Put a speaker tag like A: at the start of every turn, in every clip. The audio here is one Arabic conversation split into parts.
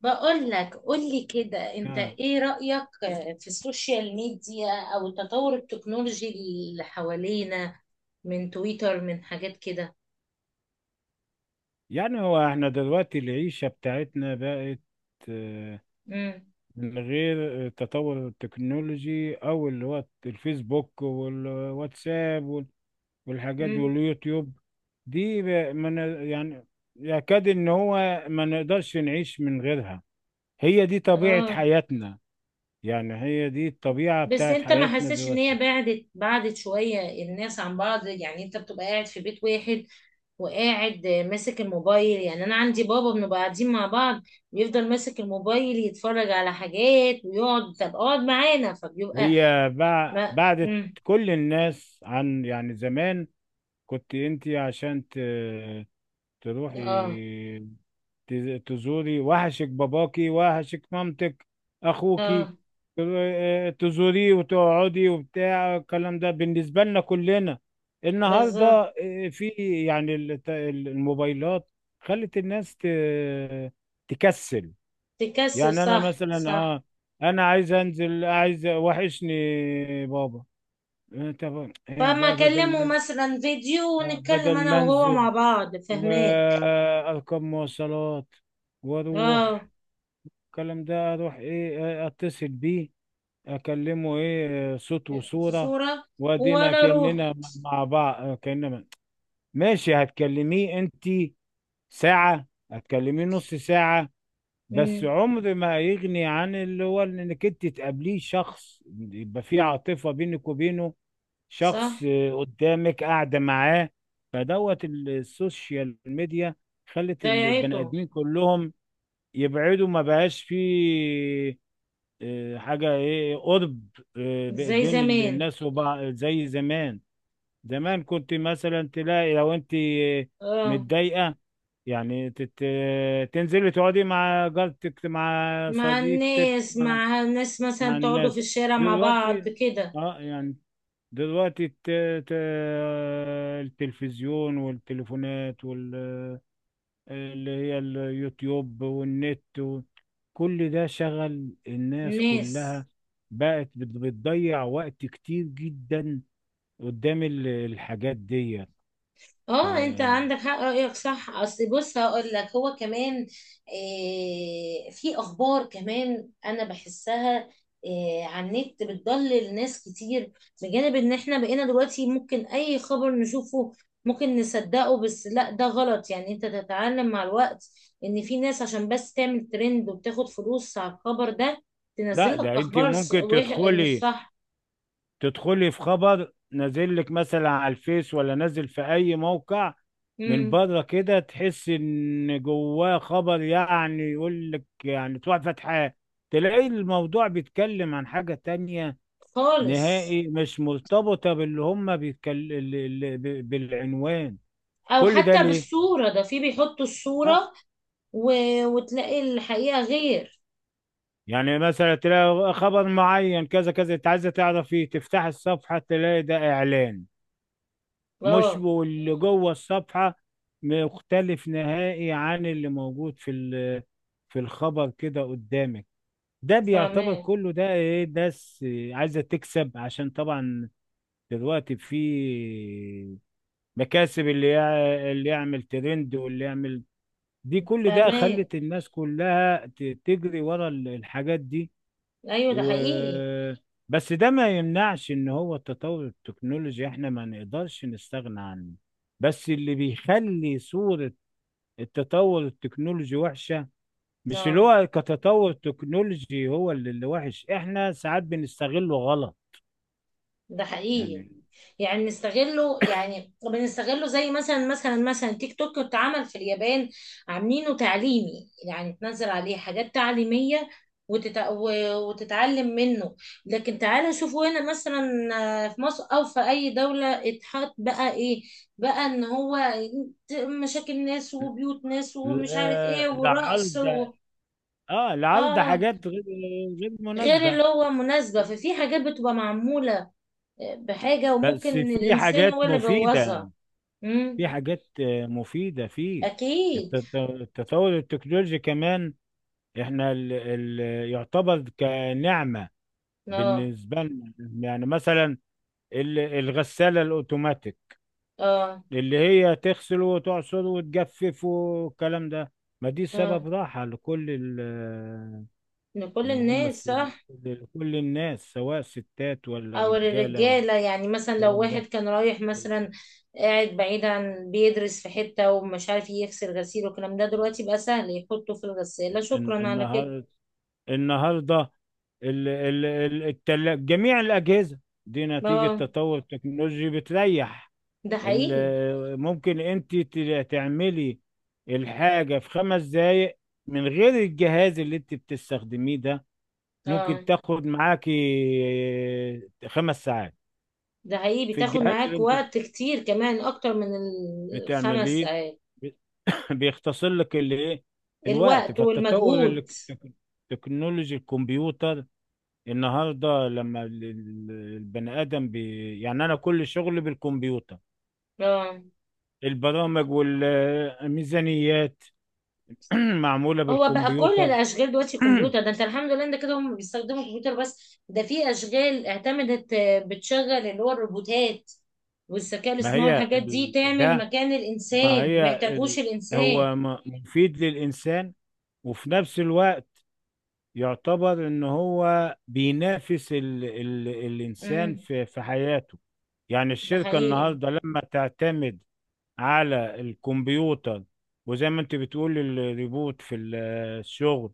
A: بقول لك قول لي كده انت
B: آه.
A: ايه رأيك في السوشيال ميديا او تطور التكنولوجي اللي حوالينا، من تويتر، من حاجات كده.
B: يعني هو احنا دلوقتي العيشة بتاعتنا بقت آه،
A: امم
B: من غير تطور التكنولوجي او اللي هو الفيسبوك والواتساب والحاجات دي
A: امم
B: واليوتيوب دي من يعني يكاد ان هو ما نقدرش نعيش من غيرها. هي دي طبيعة
A: اه،
B: حياتنا. يعني هي دي الطبيعة
A: بس
B: بتاعت
A: انت ما
B: حياتنا
A: حسيتش ان هي
B: دلوقتي.
A: بعدت بعدت شوية الناس عن بعض؟ يعني انت بتبقى قاعد في بيت واحد وقاعد ماسك الموبايل. يعني انا عندي بابا بنبقى قاعدين مع بعض، بيفضل ماسك الموبايل يتفرج على حاجات ويقعد، طب اقعد معانا، فبيبقى
B: هي بع-
A: ما
B: بعدت كل الناس عن. يعني زمان كنت انت عشان
A: اه،
B: تروحي تزوري وحشك باباكي وحشك مامتك اخوكي
A: اه،
B: تزوريه وتقعدي وبتاع الكلام ده بالنسبة لنا كلنا النهاردة.
A: بالظبط.
B: آه، في يعني الموبايلات خلت الناس تكسل
A: تكسر،
B: يعني انا
A: صح،
B: مثلا
A: صح.
B: انا عايز انزل عايز وحشني بابا. آه، طب آه،
A: فاما
B: بدل
A: اكلمه
B: ما
A: مثلا فيديو
B: آه،
A: ونتكلم
B: بدل
A: انا
B: ما
A: وهو
B: انزل
A: مع بعض، فهماك.
B: واركب مواصلات
A: اه،
B: واروح الكلام ده اروح ايه اتصل بيه اكلمه ايه صوت
A: في
B: وصورة.
A: صورة.
B: وادينا
A: ولا روح.
B: كأننا مع بعض كأننا ماشي. هتكلميه انت ساعة هتكلميه نص ساعة. بس
A: امم
B: عمر ما هيغني عن اللي هو انك انت تقابليه شخص يبقى في عاطفة بينك وبينه.
A: صح.
B: شخص قدامك قاعدة معاه. فدوت السوشيال ميديا خلت البني
A: ضيعته.
B: آدمين كلهم يبعدوا. ما بقاش في حاجة ايه قرب
A: زي
B: بين
A: زمان.
B: الناس وبعض زي زمان. زمان كنت مثلا تلاقي لو انت
A: اه،
B: متضايقة. يعني تنزلي تقعدي مع جارتك مع
A: مع
B: صديقتك
A: الناس،
B: مع
A: مع الناس مثلا تقعدوا في
B: الناس
A: الشارع مع بعض
B: دلوقتي
A: كده.
B: اه يعني دلوقتي ت... التلفزيون والتليفونات اللي هي اليوتيوب والنت كل ده شغل الناس
A: الناس.
B: كلها بقت بتضيع وقت كتير جدا قدام الحاجات دي. ف...
A: اه، انت عندك حق، رأيك صح. اصل بص هقول لك، هو كمان آه، في اخبار كمان، انا بحسها آه، على النت بتضلل ناس كتير. بجانب ان احنا بقينا دلوقتي ممكن اي خبر نشوفه ممكن نصدقه، بس لا، ده غلط. يعني انت تتعلم مع الوقت ان في ناس عشان بس تعمل ترند وبتاخد فلوس على الخبر ده
B: لا
A: تنزلك
B: ده انت
A: اخبار
B: ممكن
A: مش
B: تدخلي
A: صح.
B: في خبر نازل لك مثلا على الفيس ولا نازل في اي موقع. من
A: مم.
B: بره كده تحس ان جواه خبر. يعني يقول لك يعني تروح فتحة تلاقي الموضوع بيتكلم عن حاجة تانية
A: خالص.
B: نهائي مش مرتبطة باللي هم بيتكلم بالعنوان.
A: او
B: كل ده
A: حتى
B: ليه؟
A: بالصورة، ده في بيحطوا
B: آه،
A: الصورة و... وتلاقي الحقيقة غير.
B: يعني مثلا تلاقي خبر معين كذا كذا. انت عايزة تعرف ايه تفتح الصفحة تلاقي ده اعلان. مش
A: اه،
B: واللي جوه الصفحة مختلف نهائي عن اللي موجود في في الخبر كده قدامك. ده بيعتبر
A: فاهماه،
B: كله ده ايه. ناس عايزة تكسب عشان طبعا دلوقتي في مكاسب. اللي اللي يعمل ترند واللي يعمل دي كل ده
A: فاهماه.
B: خلت الناس كلها تجري ورا الحاجات دي.
A: ايوه، ده
B: و
A: حقيقي.
B: بس ده ما يمنعش ان هو التطور التكنولوجي احنا ما نقدرش نستغنى عنه. بس اللي بيخلي صورة التطور التكنولوجي وحشة مش اللي
A: اه،
B: هو كتطور تكنولوجي. هو اللي وحش. احنا ساعات بنستغله غلط.
A: ده حقيقي.
B: يعني
A: يعني بنستغله، زي مثلا تيك توك اتعمل في اليابان، عاملينه تعليمي. يعني تنزل عليه حاجات تعليمية وتتعلم منه. لكن تعالوا شوفوا هنا مثلا، آه، في مصر او في اي دولة اتحط بقى ايه؟ بقى ان هو مشاكل ناس وبيوت ناس ومش عارف ايه ورقص
B: لعرض اه لعرض
A: اه،
B: حاجات غير
A: غير
B: مناسبة.
A: اللي هو مناسبة. ففي حاجات بتبقى معمولة بحاجة
B: بس
A: وممكن
B: في
A: الانسان
B: حاجات
A: هو اللي
B: مفيدة.
A: بوظها. امم
B: في حاجات مفيدة فيه.
A: اكيد.
B: التطور التكنولوجي كمان احنا ال ال يعتبر كنعمة
A: اه،
B: بالنسبة لنا. يعني مثلا الغسالة الاوتوماتيك
A: اه،
B: اللي هي تغسل وتعصر وتجفف والكلام ده. ما دي
A: اه،
B: سبب راحة لكل ال-
A: ان كل
B: اللي هم
A: الناس،
B: الس-
A: صح.
B: لكل الناس سواء ستات ولا
A: او
B: رجالة ولا
A: الرجاله، يعني مثلا لو
B: الكلام
A: واحد
B: ده.
A: كان رايح
B: ال-
A: مثلا قاعد بعيد عن بيدرس في حته ومش عارف يغسل غسيل والكلام ده، دلوقتي بقى سهل يحطه في الغساله،
B: الن-
A: شكرا على كده.
B: النهار النهارده جميع الأجهزة دي نتيجة
A: اه،
B: تطور التكنولوجي بتريح.
A: ده حقيقي.
B: ممكن انت تعملي الحاجة في 5 دقايق. من غير الجهاز اللي انت بتستخدميه ده
A: اه،
B: ممكن تاخد معاكي 5 ساعات
A: ده حقيقي،
B: في
A: بتاخد
B: الجهاز اللي
A: معاك
B: انت
A: وقت كتير كمان اكتر من الخمس
B: بتعمليه.
A: ساعات
B: بيختصر لك الايه الوقت.
A: الوقت
B: فالتطور اللي
A: والمجهود.
B: التك- تكنولوجي الكمبيوتر. النهارده لما البني ادم يعني انا كل شغلي بالكمبيوتر.
A: اه،
B: البرامج والميزانيات معمولة
A: هو بقى كل
B: بالكمبيوتر.
A: الاشغال دلوقتي كمبيوتر. ده انت الحمد لله، انت كده هم بيستخدموا كمبيوتر. بس ده في اشغال اعتمدت آه، بتشغل اللي هو الروبوتات والذكاء
B: ما
A: الاصطناعي،
B: هي
A: الحاجات دي
B: ال...
A: تعمل
B: ده
A: مكان
B: ما
A: الانسان، ما
B: هي
A: يحتاجوش
B: ال...
A: الانسان.
B: هو مفيد للإنسان وفي نفس الوقت يعتبر إن هو بينافس الإنسان
A: امم
B: في حياته. يعني
A: ده
B: الشركة
A: حقيقي.
B: النهاردة لما تعتمد على الكمبيوتر. وزي ما أنت بتقول الريبوت في الشغل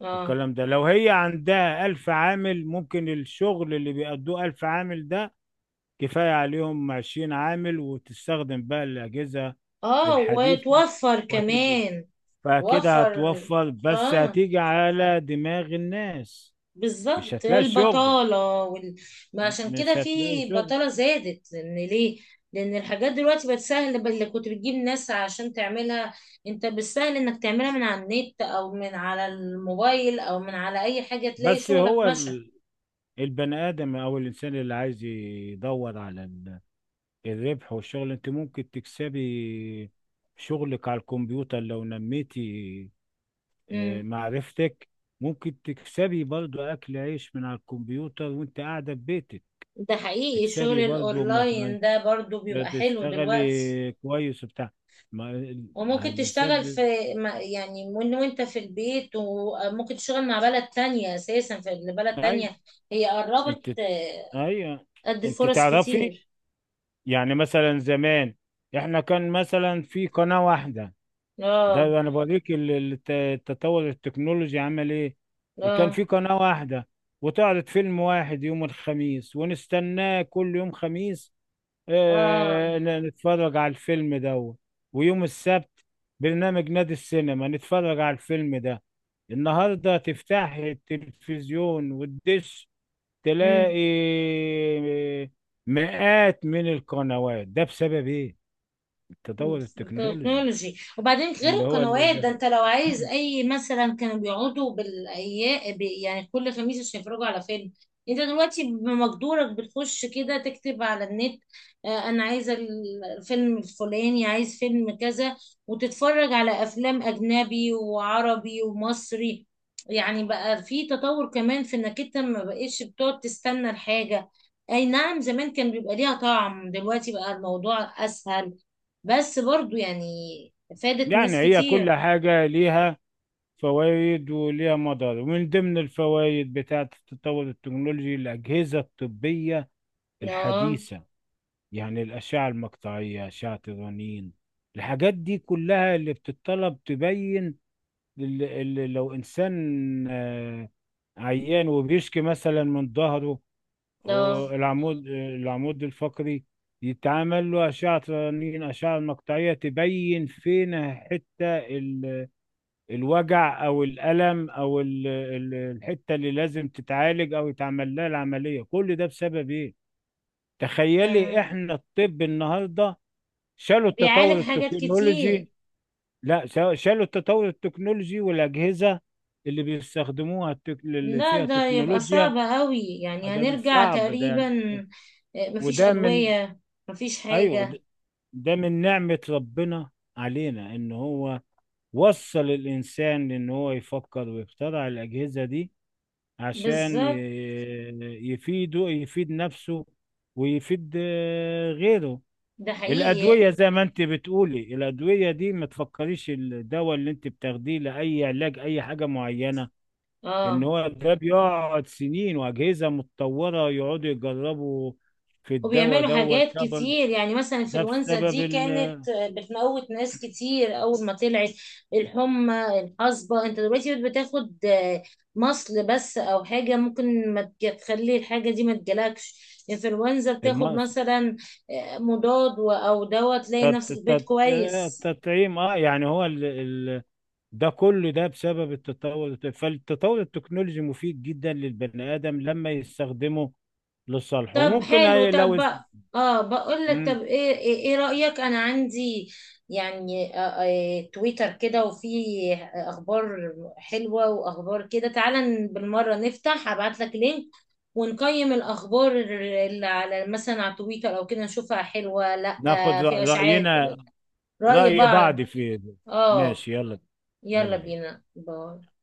A: اه،
B: والكلام ده. لو هي عندها 1000 عامل ممكن الشغل اللي بيأدوه 1000 عامل ده كفاية عليهم 20 عامل. وتستخدم بقى الأجهزة
A: اه،
B: الحديثة
A: وتوفر
B: وهتدي
A: كمان.
B: فكده
A: توفر.
B: هتوفر. بس
A: اه،
B: هتيجي على دماغ الناس. مش
A: بالظبط،
B: هتلاقي شغل.
A: البطالة ما عشان كده
B: مش
A: في
B: هتلاقي شغل.
A: بطالة زادت. لأن ليه؟ لأن الحاجات دلوقتي بقت سهل، اللي كنت بتجيب ناس عشان تعملها، أنت بالسهل إنك تعملها من على النت أو من على الموبايل أو من على أي حاجة تلاقي
B: بس
A: شغلك
B: هو
A: مشى.
B: البني آدم أو الإنسان اللي عايز يدور على الربح والشغل. أنت ممكن تكسبي شغلك على الكمبيوتر لو نميتي
A: امم
B: معرفتك ممكن تكسبي برضو أكل عيش من على الكمبيوتر وأنت قاعدة في بيتك.
A: ده حقيقي، الشغل
B: تكسبي برضه ما
A: الأونلاين ده برضو بيبقى حلو دلوقتي.
B: تشتغلي كويس وبتاع ما
A: وممكن تشتغل
B: الانسان
A: في يعني من وانت في البيت. وممكن تشتغل مع بلد تانية، أساسا في بلد
B: ايوه
A: تانية، هي قربت،
B: انت ايوه
A: ادي
B: انت
A: فرص
B: تعرفي.
A: كتير.
B: يعني مثلا زمان احنا كان مثلا في قناة واحدة.
A: اه،
B: ده انا بوريك التطور التكنولوجي عمل ايه. كان
A: اه،
B: في قناة واحدة وتعرض فيلم واحد يوم الخميس ونستناه كل يوم خميس.
A: اه.
B: نتفرج على الفيلم ده. ويوم السبت برنامج نادي السينما نتفرج على الفيلم ده. النهارده تفتح التلفزيون والدش تلاقي
A: مم.
B: مئات من القنوات. ده بسبب ايه؟ التطور التكنولوجي.
A: تكنولوجي. وبعدين غير
B: اللي هو اللي
A: القنوات ده،
B: ده.
A: انت لو عايز اي مثلا، كانوا بيقعدوا بالايام، يعني كل خميس عشان يتفرجوا على فيلم. انت دلوقتي بمقدورك بتخش كده تكتب على النت آه، انا عايزه الفيلم الفلاني، عايز فيلم كذا، وتتفرج على افلام اجنبي وعربي ومصري. يعني بقى في تطور كمان في انك انت ما بقتش بتقعد تستنى الحاجة. اي نعم، زمان كان بيبقى ليها طعم، دلوقتي بقى الموضوع اسهل، بس برضو يعني فادت
B: يعني
A: ناس
B: هي كل
A: كتير.
B: حاجة ليها فوائد وليها مضار. ومن ضمن الفوائد بتاعة التطور التكنولوجي الأجهزة الطبية
A: اه،
B: الحديثة. يعني الأشعة المقطعية أشعة الرنين. الحاجات دي كلها اللي بتطلب تبين لو إنسان آه، عيان وبيشكي مثلا من ظهره.
A: ده
B: العمود الفقري يتعمل له أشعة رنين أشعة مقطعية تبين فين حتة الوجع أو الألم أو الحتة اللي لازم تتعالج أو يتعمل لها العملية. كل ده بسبب إيه؟ تخيلي
A: تمام،
B: احنا الطب النهارده شالوا التطور
A: بيعالج حاجات كتير.
B: التكنولوجي. لا شالوا التطور التكنولوجي والأجهزة اللي بيستخدموها اللي
A: لا
B: فيها
A: ده يبقى
B: تكنولوجيا.
A: صعب قوي، يعني
B: فده من
A: هنرجع
B: صعب ده
A: تقريبا
B: يعني.
A: آه، مفيش
B: وده من
A: أدوية، مفيش
B: أيوه. ده
A: حاجة.
B: من نعمة ربنا علينا إن هو وصل الإنسان إن هو يفكر ويخترع الأجهزة دي عشان
A: بالظبط.
B: يفيد نفسه ويفيد غيره
A: ده
B: الأدوية
A: حقيقي.
B: زي ما أنت بتقولي. الأدوية دي ما تفكريش الدواء اللي أنت بتاخديه لأي علاج أي حاجة معينة. إن
A: اه،
B: هو ده بيقعد سنين وأجهزة متطورة يقعدوا يجربوا في الدواء
A: وبيعملوا
B: دوت
A: حاجات
B: طبعا.
A: كتير. يعني مثلا
B: ده
A: الانفلونزا
B: بسبب
A: دي كانت بتموت ناس كتير اول ما طلعت. الحمى، الحصبة، انت دلوقتي بتاخد مصل بس او حاجة ممكن ما تج- تخلي الحاجة دي ما تجيلكش. انفلونزا بتاخد
B: المقص
A: مثلا مضاد او دواء تلاقي نفسك بيت كويس.
B: التطعيم يعني هو ده كله ده بسبب التطور. فالتطور التكنولوجي مفيد جدا للبني آدم لما يستخدمه لصالحه.
A: طب
B: وممكن
A: حلو.
B: لو
A: طب بقى اه، بقول لك، طب
B: مم.
A: ايه إيه رأيك؟ انا عندي يعني آه، آه، تويتر كده وفي اخبار حلوة واخبار كده. تعالى بالمرة نفتح، ابعت لك لينك ونقيم الاخبار اللي على، مثلا على تويتر او كده، نشوفها حلوة لا؟
B: ناخذ
A: آه، في اشاعات،
B: رأينا
A: رأي
B: رأي بعض
A: بعض.
B: في
A: اه،
B: ماشي يلا.
A: يلا
B: يلا بينا.
A: بينا، باي.